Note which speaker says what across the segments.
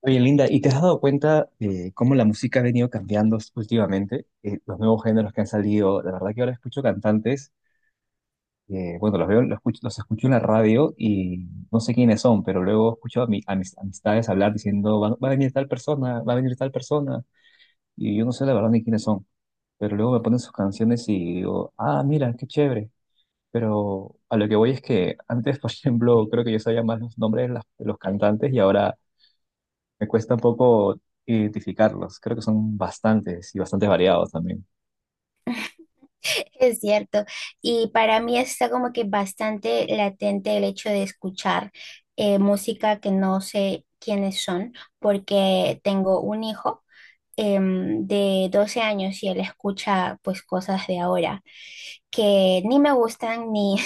Speaker 1: Oye, Linda, ¿y te has dado cuenta de cómo la música ha venido cambiando últimamente? Los nuevos géneros que han salido, la verdad que ahora escucho cantantes, bueno, los veo, los escucho en la radio y no sé quiénes son, pero luego escucho a, a mis amistades hablar diciendo, va a venir tal persona, va a venir tal persona, y yo no sé la verdad ni quiénes son, pero luego me ponen sus canciones y digo, ah, mira, qué chévere. Pero a lo que voy es que antes, por ejemplo, creo que yo sabía más los nombres de de los cantantes y ahora me cuesta un poco identificarlos. Creo que son bastantes y bastante variados también.
Speaker 2: Es cierto, y para mí está como que bastante latente el hecho de escuchar música que no sé quiénes son, porque tengo un hijo de 12 años y él escucha pues cosas de ahora que ni me gustan ni,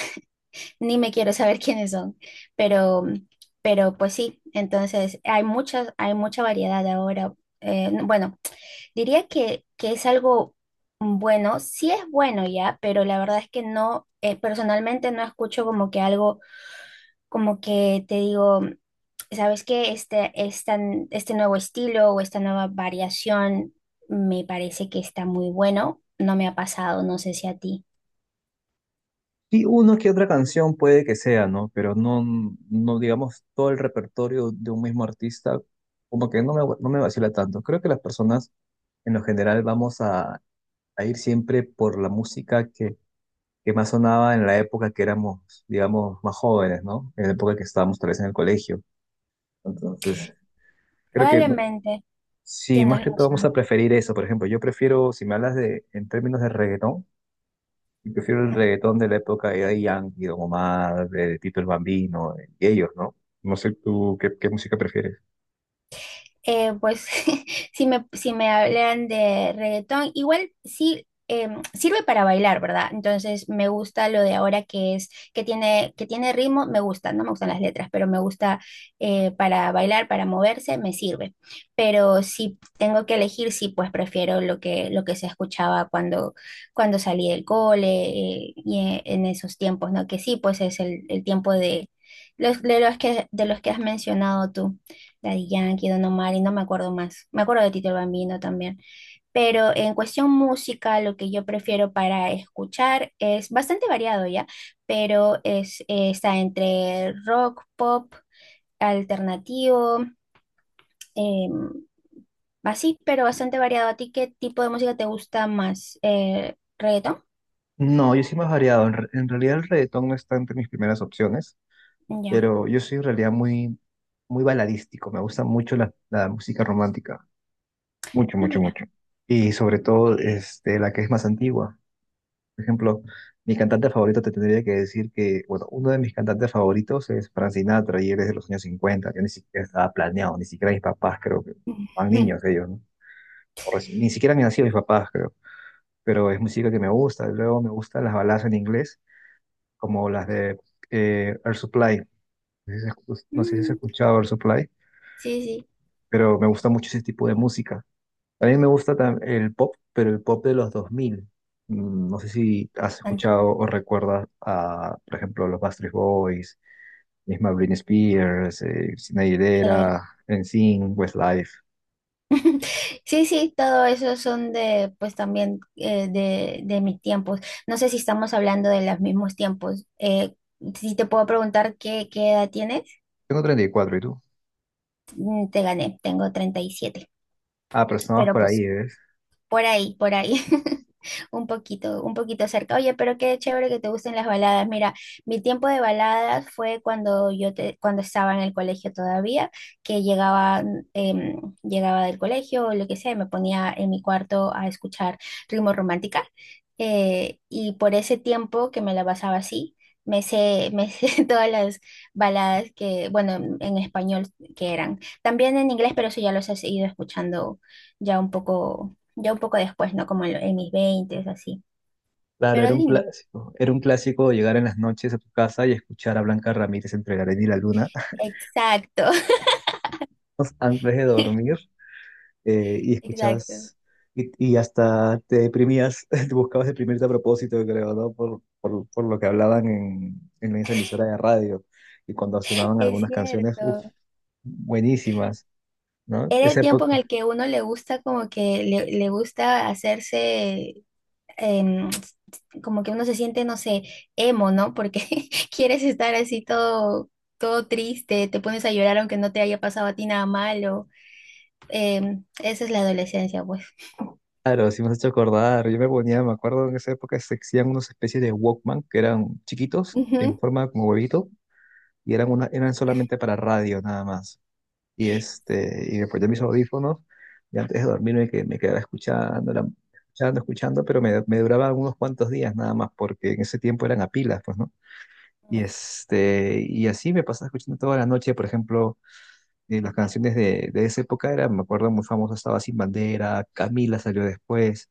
Speaker 2: ni me quiero saber quiénes son, pero, pero pues sí, entonces hay mucha variedad ahora. eh, bueno, Diría que es algo bueno, sí es bueno ya, pero la verdad es que no, personalmente no escucho como que algo, como que te digo, ¿sabes qué? Este nuevo estilo o esta nueva variación me parece que está muy bueno. No me ha pasado, no sé si a ti.
Speaker 1: Y una que otra canción puede que sea, ¿no? Pero no, no digamos todo el repertorio de un mismo artista, como que no me vacila tanto. Creo que las personas en lo general a ir siempre por la música que más sonaba en la época que éramos, digamos, más jóvenes, ¿no? En la época que estábamos tal vez en el colegio. Entonces, creo que
Speaker 2: Probablemente,
Speaker 1: sí, más
Speaker 2: tienes
Speaker 1: que todo vamos a
Speaker 2: razón.
Speaker 1: preferir eso. Por ejemplo, yo prefiero, si me hablas de, en términos de reggaetón, yo prefiero el reggaetón de la época de Daddy Yankee, Don Omar, de Tito el Bambino, y ellos, ¿no? No sé tú qué, qué música prefieres.
Speaker 2: Pues si me hablan de reggaetón, igual sí sirve para bailar, ¿verdad? Entonces me gusta lo de ahora que tiene ritmo, me gusta, no me gustan las letras, pero me gusta para bailar, para moverse, me sirve. Pero si tengo que elegir, sí, pues prefiero lo que se escuchaba cuando salí del cole, y en esos tiempos, ¿no? Que sí, pues es el tiempo de de los que has mencionado tú. Daddy Yankee, Don Omar y no me acuerdo más. Me acuerdo de Tito el Bambino también. Pero en cuestión música, lo que yo prefiero para escuchar es bastante variado ya, pero es, está entre rock, pop, alternativo, em, así, pero bastante variado. ¿A ti qué tipo de música te gusta más? ¿Eh, reggaetón?
Speaker 1: No, yo soy más variado. En realidad el reggaetón no está entre mis primeras opciones,
Speaker 2: Ya.
Speaker 1: pero yo soy en realidad muy, muy baladístico. Me gusta mucho la música romántica. Mucho,
Speaker 2: Ah,
Speaker 1: mucho,
Speaker 2: mira.
Speaker 1: mucho. Y sobre todo este, la que es más antigua. Por ejemplo, mi cantante favorito te tendría que decir que, bueno, uno de mis cantantes favoritos es Frank Sinatra y él es de los años 50. Yo ni siquiera estaba planeado, ni siquiera mis papás creo que eran niños ellos, ¿no? O ni siquiera han nacido mis papás creo, pero es música que me gusta. Luego me gustan las baladas en inglés, como las de Air Supply. No sé si no sé si has
Speaker 2: Mm,
Speaker 1: escuchado Air Supply,
Speaker 2: sí, sí, sí.
Speaker 1: pero me gusta mucho ese tipo de música. A mí me gusta el pop, pero el pop de los 2000. No sé si has
Speaker 2: Anti,
Speaker 1: escuchado o recuerdas a, por ejemplo, los Backstreet Boys, misma Britney Spears, Christina
Speaker 2: claro.
Speaker 1: Aguilera, NSYNC, Westlife.
Speaker 2: Sí, sí, todo eso son de, pues también, de mis tiempos. No sé si estamos hablando de los mismos tiempos. Si te puedo preguntar qué edad tienes.
Speaker 1: Tengo 34, ¿y cuatro, ¿y tú?
Speaker 2: Mm, te gané, tengo 37.
Speaker 1: Ah, pero estamos
Speaker 2: Pero
Speaker 1: por
Speaker 2: pues
Speaker 1: ahí, ¿ves?
Speaker 2: por ahí, por ahí. Un poquito cerca. Oye, pero qué chévere que te gusten las baladas. Mira, mi tiempo de baladas fue cuando estaba en el colegio todavía, que llegaba, llegaba del colegio o lo que sea, y me ponía en mi cuarto a escuchar ritmo romántica. Y por ese tiempo que me la pasaba así, me sé todas las baladas que, bueno, en español que eran. También en inglés, pero eso ya los he ido escuchando ya un poco ya un poco después, ¿no? Como en, en mis veintes, así.
Speaker 1: Claro,
Speaker 2: Pero
Speaker 1: era un
Speaker 2: lindo.
Speaker 1: clásico. Era un clásico llegar en las noches a tu casa y escuchar a Blanca Ramírez entre la arena y la luna
Speaker 2: Exacto,
Speaker 1: antes de dormir. Y
Speaker 2: exacto.
Speaker 1: escuchabas y hasta te deprimías, te buscabas deprimirte a propósito, creo, ¿no? Por lo que hablaban en esa emisora de radio y cuando sonaban
Speaker 2: Es
Speaker 1: algunas canciones, uff,
Speaker 2: cierto.
Speaker 1: buenísimas. ¿No?
Speaker 2: Era el
Speaker 1: Esa
Speaker 2: tiempo en
Speaker 1: época,
Speaker 2: el que uno le gusta como que le gusta hacerse, em, como que uno se siente, no sé, emo, ¿no? Porque quieres estar así todo triste, te pones a llorar aunque no te haya pasado a ti nada malo. Esa es la adolescencia, pues.
Speaker 1: claro, sí me has hecho acordar. Yo me ponía, me acuerdo en esa época se hacían unas especies de Walkman que eran chiquitos, en
Speaker 2: Ujú,
Speaker 1: forma como huevito, y eran solamente para radio, nada más. Y, este, y me ponía mis audífonos y antes de dormirme me quedaba escuchando, escuchando, escuchando, pero me duraba unos cuantos días nada más, porque en ese tiempo eran a pilas, pues, ¿no? Y, este, y así me pasaba escuchando toda la noche, por ejemplo, las canciones de esa época eran, me acuerdo, muy famosa estaba Sin Bandera, Camila salió después,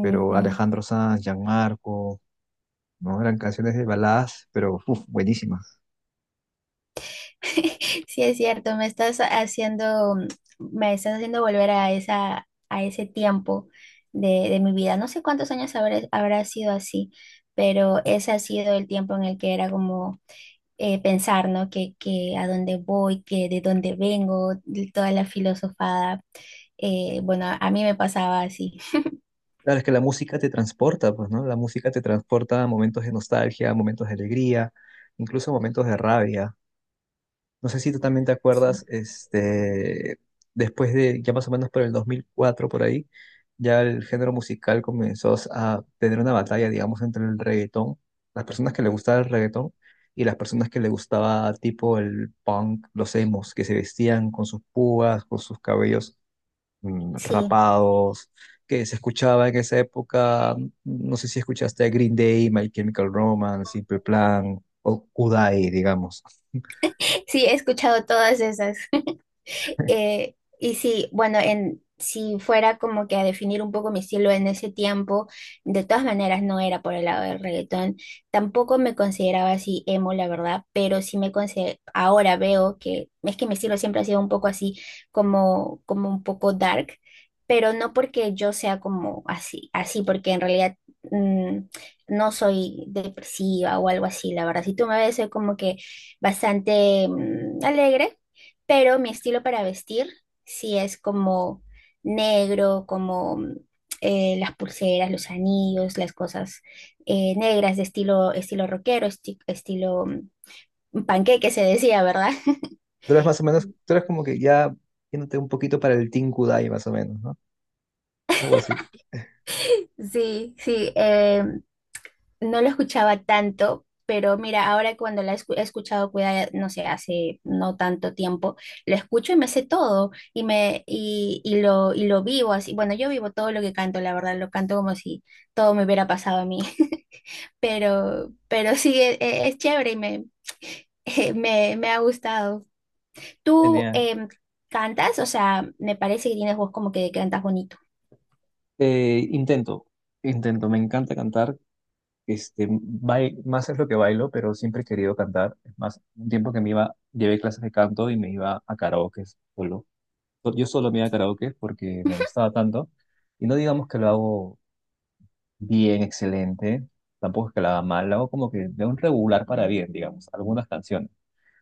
Speaker 1: pero Alejandro Sanz, Gianmarco, ¿no? Eran canciones de baladas, pero uf, buenísimas.
Speaker 2: Sí, es cierto, me estás haciendo volver a a ese tiempo de mi vida. No sé cuántos habrá sido así, pero ese ha sido el tiempo en el que era como pensar, ¿no? Que a dónde voy, que de dónde vengo, de toda la filosofada. Bueno, a mí me pasaba así.
Speaker 1: Claro, es que la música te transporta, pues, ¿no? La música te transporta a momentos de nostalgia, a momentos de alegría, incluso a momentos de rabia. No sé si tú también te acuerdas, este, después de, ya más o menos por el 2004, por ahí, ya el género musical comenzó a tener una batalla, digamos, entre el reggaetón, las personas que le gustaba el reggaetón y las personas que le gustaba tipo el punk, los emos, que se vestían con sus púas, con sus cabellos
Speaker 2: Sí.
Speaker 1: rapados, que se escuchaba en esa época, no sé si escuchaste a Green Day, My Chemical Romance, Simple Plan o Kudai, digamos.
Speaker 2: Sí, he escuchado todas esas. Si fuera como que a definir un poco mi estilo en ese tiempo, de todas maneras no era por el lado del reggaetón, tampoco me consideraba así emo, la verdad, pero ahora veo que es que mi estilo siempre ha sido un poco así, como un poco dark, pero no porque yo sea como así, así, porque en realidad mm, no soy depresiva o algo así, la verdad. Si tú me ves, soy como que bastante alegre, pero mi estilo para vestir sí es como negro, como las pulseras, los anillos, las cosas negras de estilo, estilo panqueque se decía, ¿verdad?
Speaker 1: Tú eres más o menos, tú eres como que ya yéndote un poquito para el Team Kudai, más o menos, ¿no? Algo así.
Speaker 2: Sí, sí, no lo escuchaba tanto. Pero mira, ahora cuando he escuchado, cuida, no sé, hace no tanto tiempo, lo escucho y me sé todo y lo vivo así. Bueno, yo vivo todo lo que canto, la verdad, lo canto como si todo me hubiera pasado a mí. Pero sí, es chévere y me ha gustado. ¿Tú
Speaker 1: Genial.
Speaker 2: cantas? O sea, me parece que tienes voz como que cantas bonito.
Speaker 1: Eh, intento, intento, me encanta cantar. Este, más es lo que bailo, pero siempre he querido cantar. Es más, un tiempo que me iba, llevé clases de canto y me iba a karaoke solo. Yo solo me iba a karaoke porque me gustaba tanto. Y no digamos que lo hago bien, excelente. Tampoco es que lo haga mal. Lo hago como que de un regular para bien, digamos. Algunas canciones.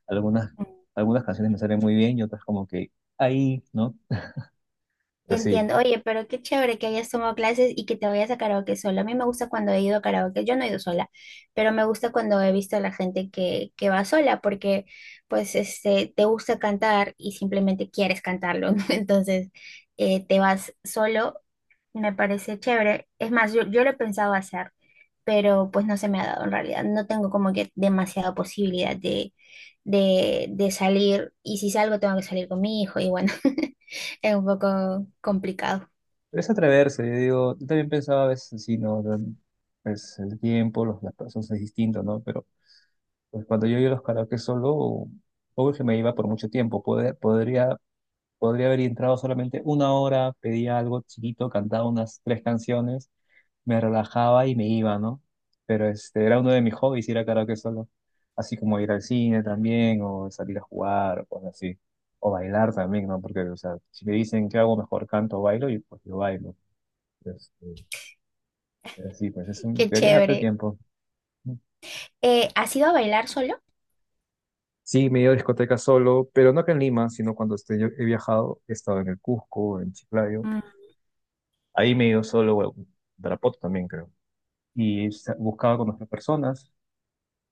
Speaker 1: Algunas,
Speaker 2: Mm.
Speaker 1: algunas canciones me salen muy bien y otras como que ahí, ¿no? Pero sí.
Speaker 2: Entiendo, oye, pero qué chévere que hayas tomado clases y que te vayas a karaoke sola. A mí me gusta cuando he ido a karaoke, yo no he ido sola, pero me gusta cuando he visto a la gente que va sola porque pues este, te gusta cantar y simplemente quieres cantarlo, ¿no? Entonces te vas solo. Me parece chévere. Es más, yo lo he pensado hacer, pero pues no se me ha dado en realidad. No tengo como que demasiada posibilidad de salir. Y si salgo, tengo que salir con mi hijo. Y bueno, es un poco complicado.
Speaker 1: Pero es atreverse. Yo digo, yo también pensaba a veces, sí, no, es el tiempo, los, las personas es distinto, ¿no? Pero pues, cuando yo iba a los karaoke solo, obvio que me iba por mucho tiempo. Podría podría haber entrado solamente 1 hora, pedía algo chiquito, cantaba unas 3 canciones, me relajaba y me iba, ¿no? Pero este era uno de mis hobbies ir a karaoke solo, así como ir al cine también, o salir a jugar, o cosas así, o bailar también, ¿no? Porque, o sea, si me dicen qué hago mejor, canto o bailo, y pues yo bailo. Este, pero sí, pues es un,
Speaker 2: Qué
Speaker 1: deberías darte
Speaker 2: chévere.
Speaker 1: tiempo.
Speaker 2: ¿Has ido a bailar solo?
Speaker 1: Sí, me he ido a discotecas solo, pero no acá en Lima, sino cuando he viajado, he estado en el Cusco, en Chiclayo.
Speaker 2: Mm,
Speaker 1: Ahí me dio solo a Tarapoto también, creo. Y buscaba conocer personas.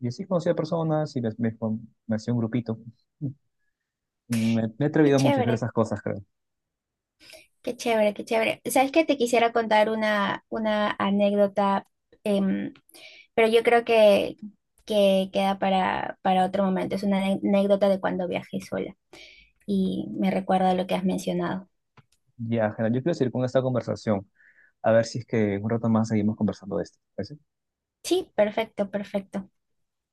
Speaker 1: Y así conocía personas y me hacía un grupito. Me he
Speaker 2: qué
Speaker 1: atrevido mucho a hacer
Speaker 2: chévere,
Speaker 1: esas cosas, creo.
Speaker 2: qué chévere, qué chévere. ¿Sabes qué? Te quisiera contar una anécdota, em, pero yo creo que queda para otro momento. Es una anécdota de cuando viajé sola. Y me recuerda lo que has mencionado.
Speaker 1: Ya, Jena, yo quiero seguir con esta conversación. A ver si es que en un rato más seguimos conversando de esto. ¿Parece?
Speaker 2: Sí, perfecto, perfecto.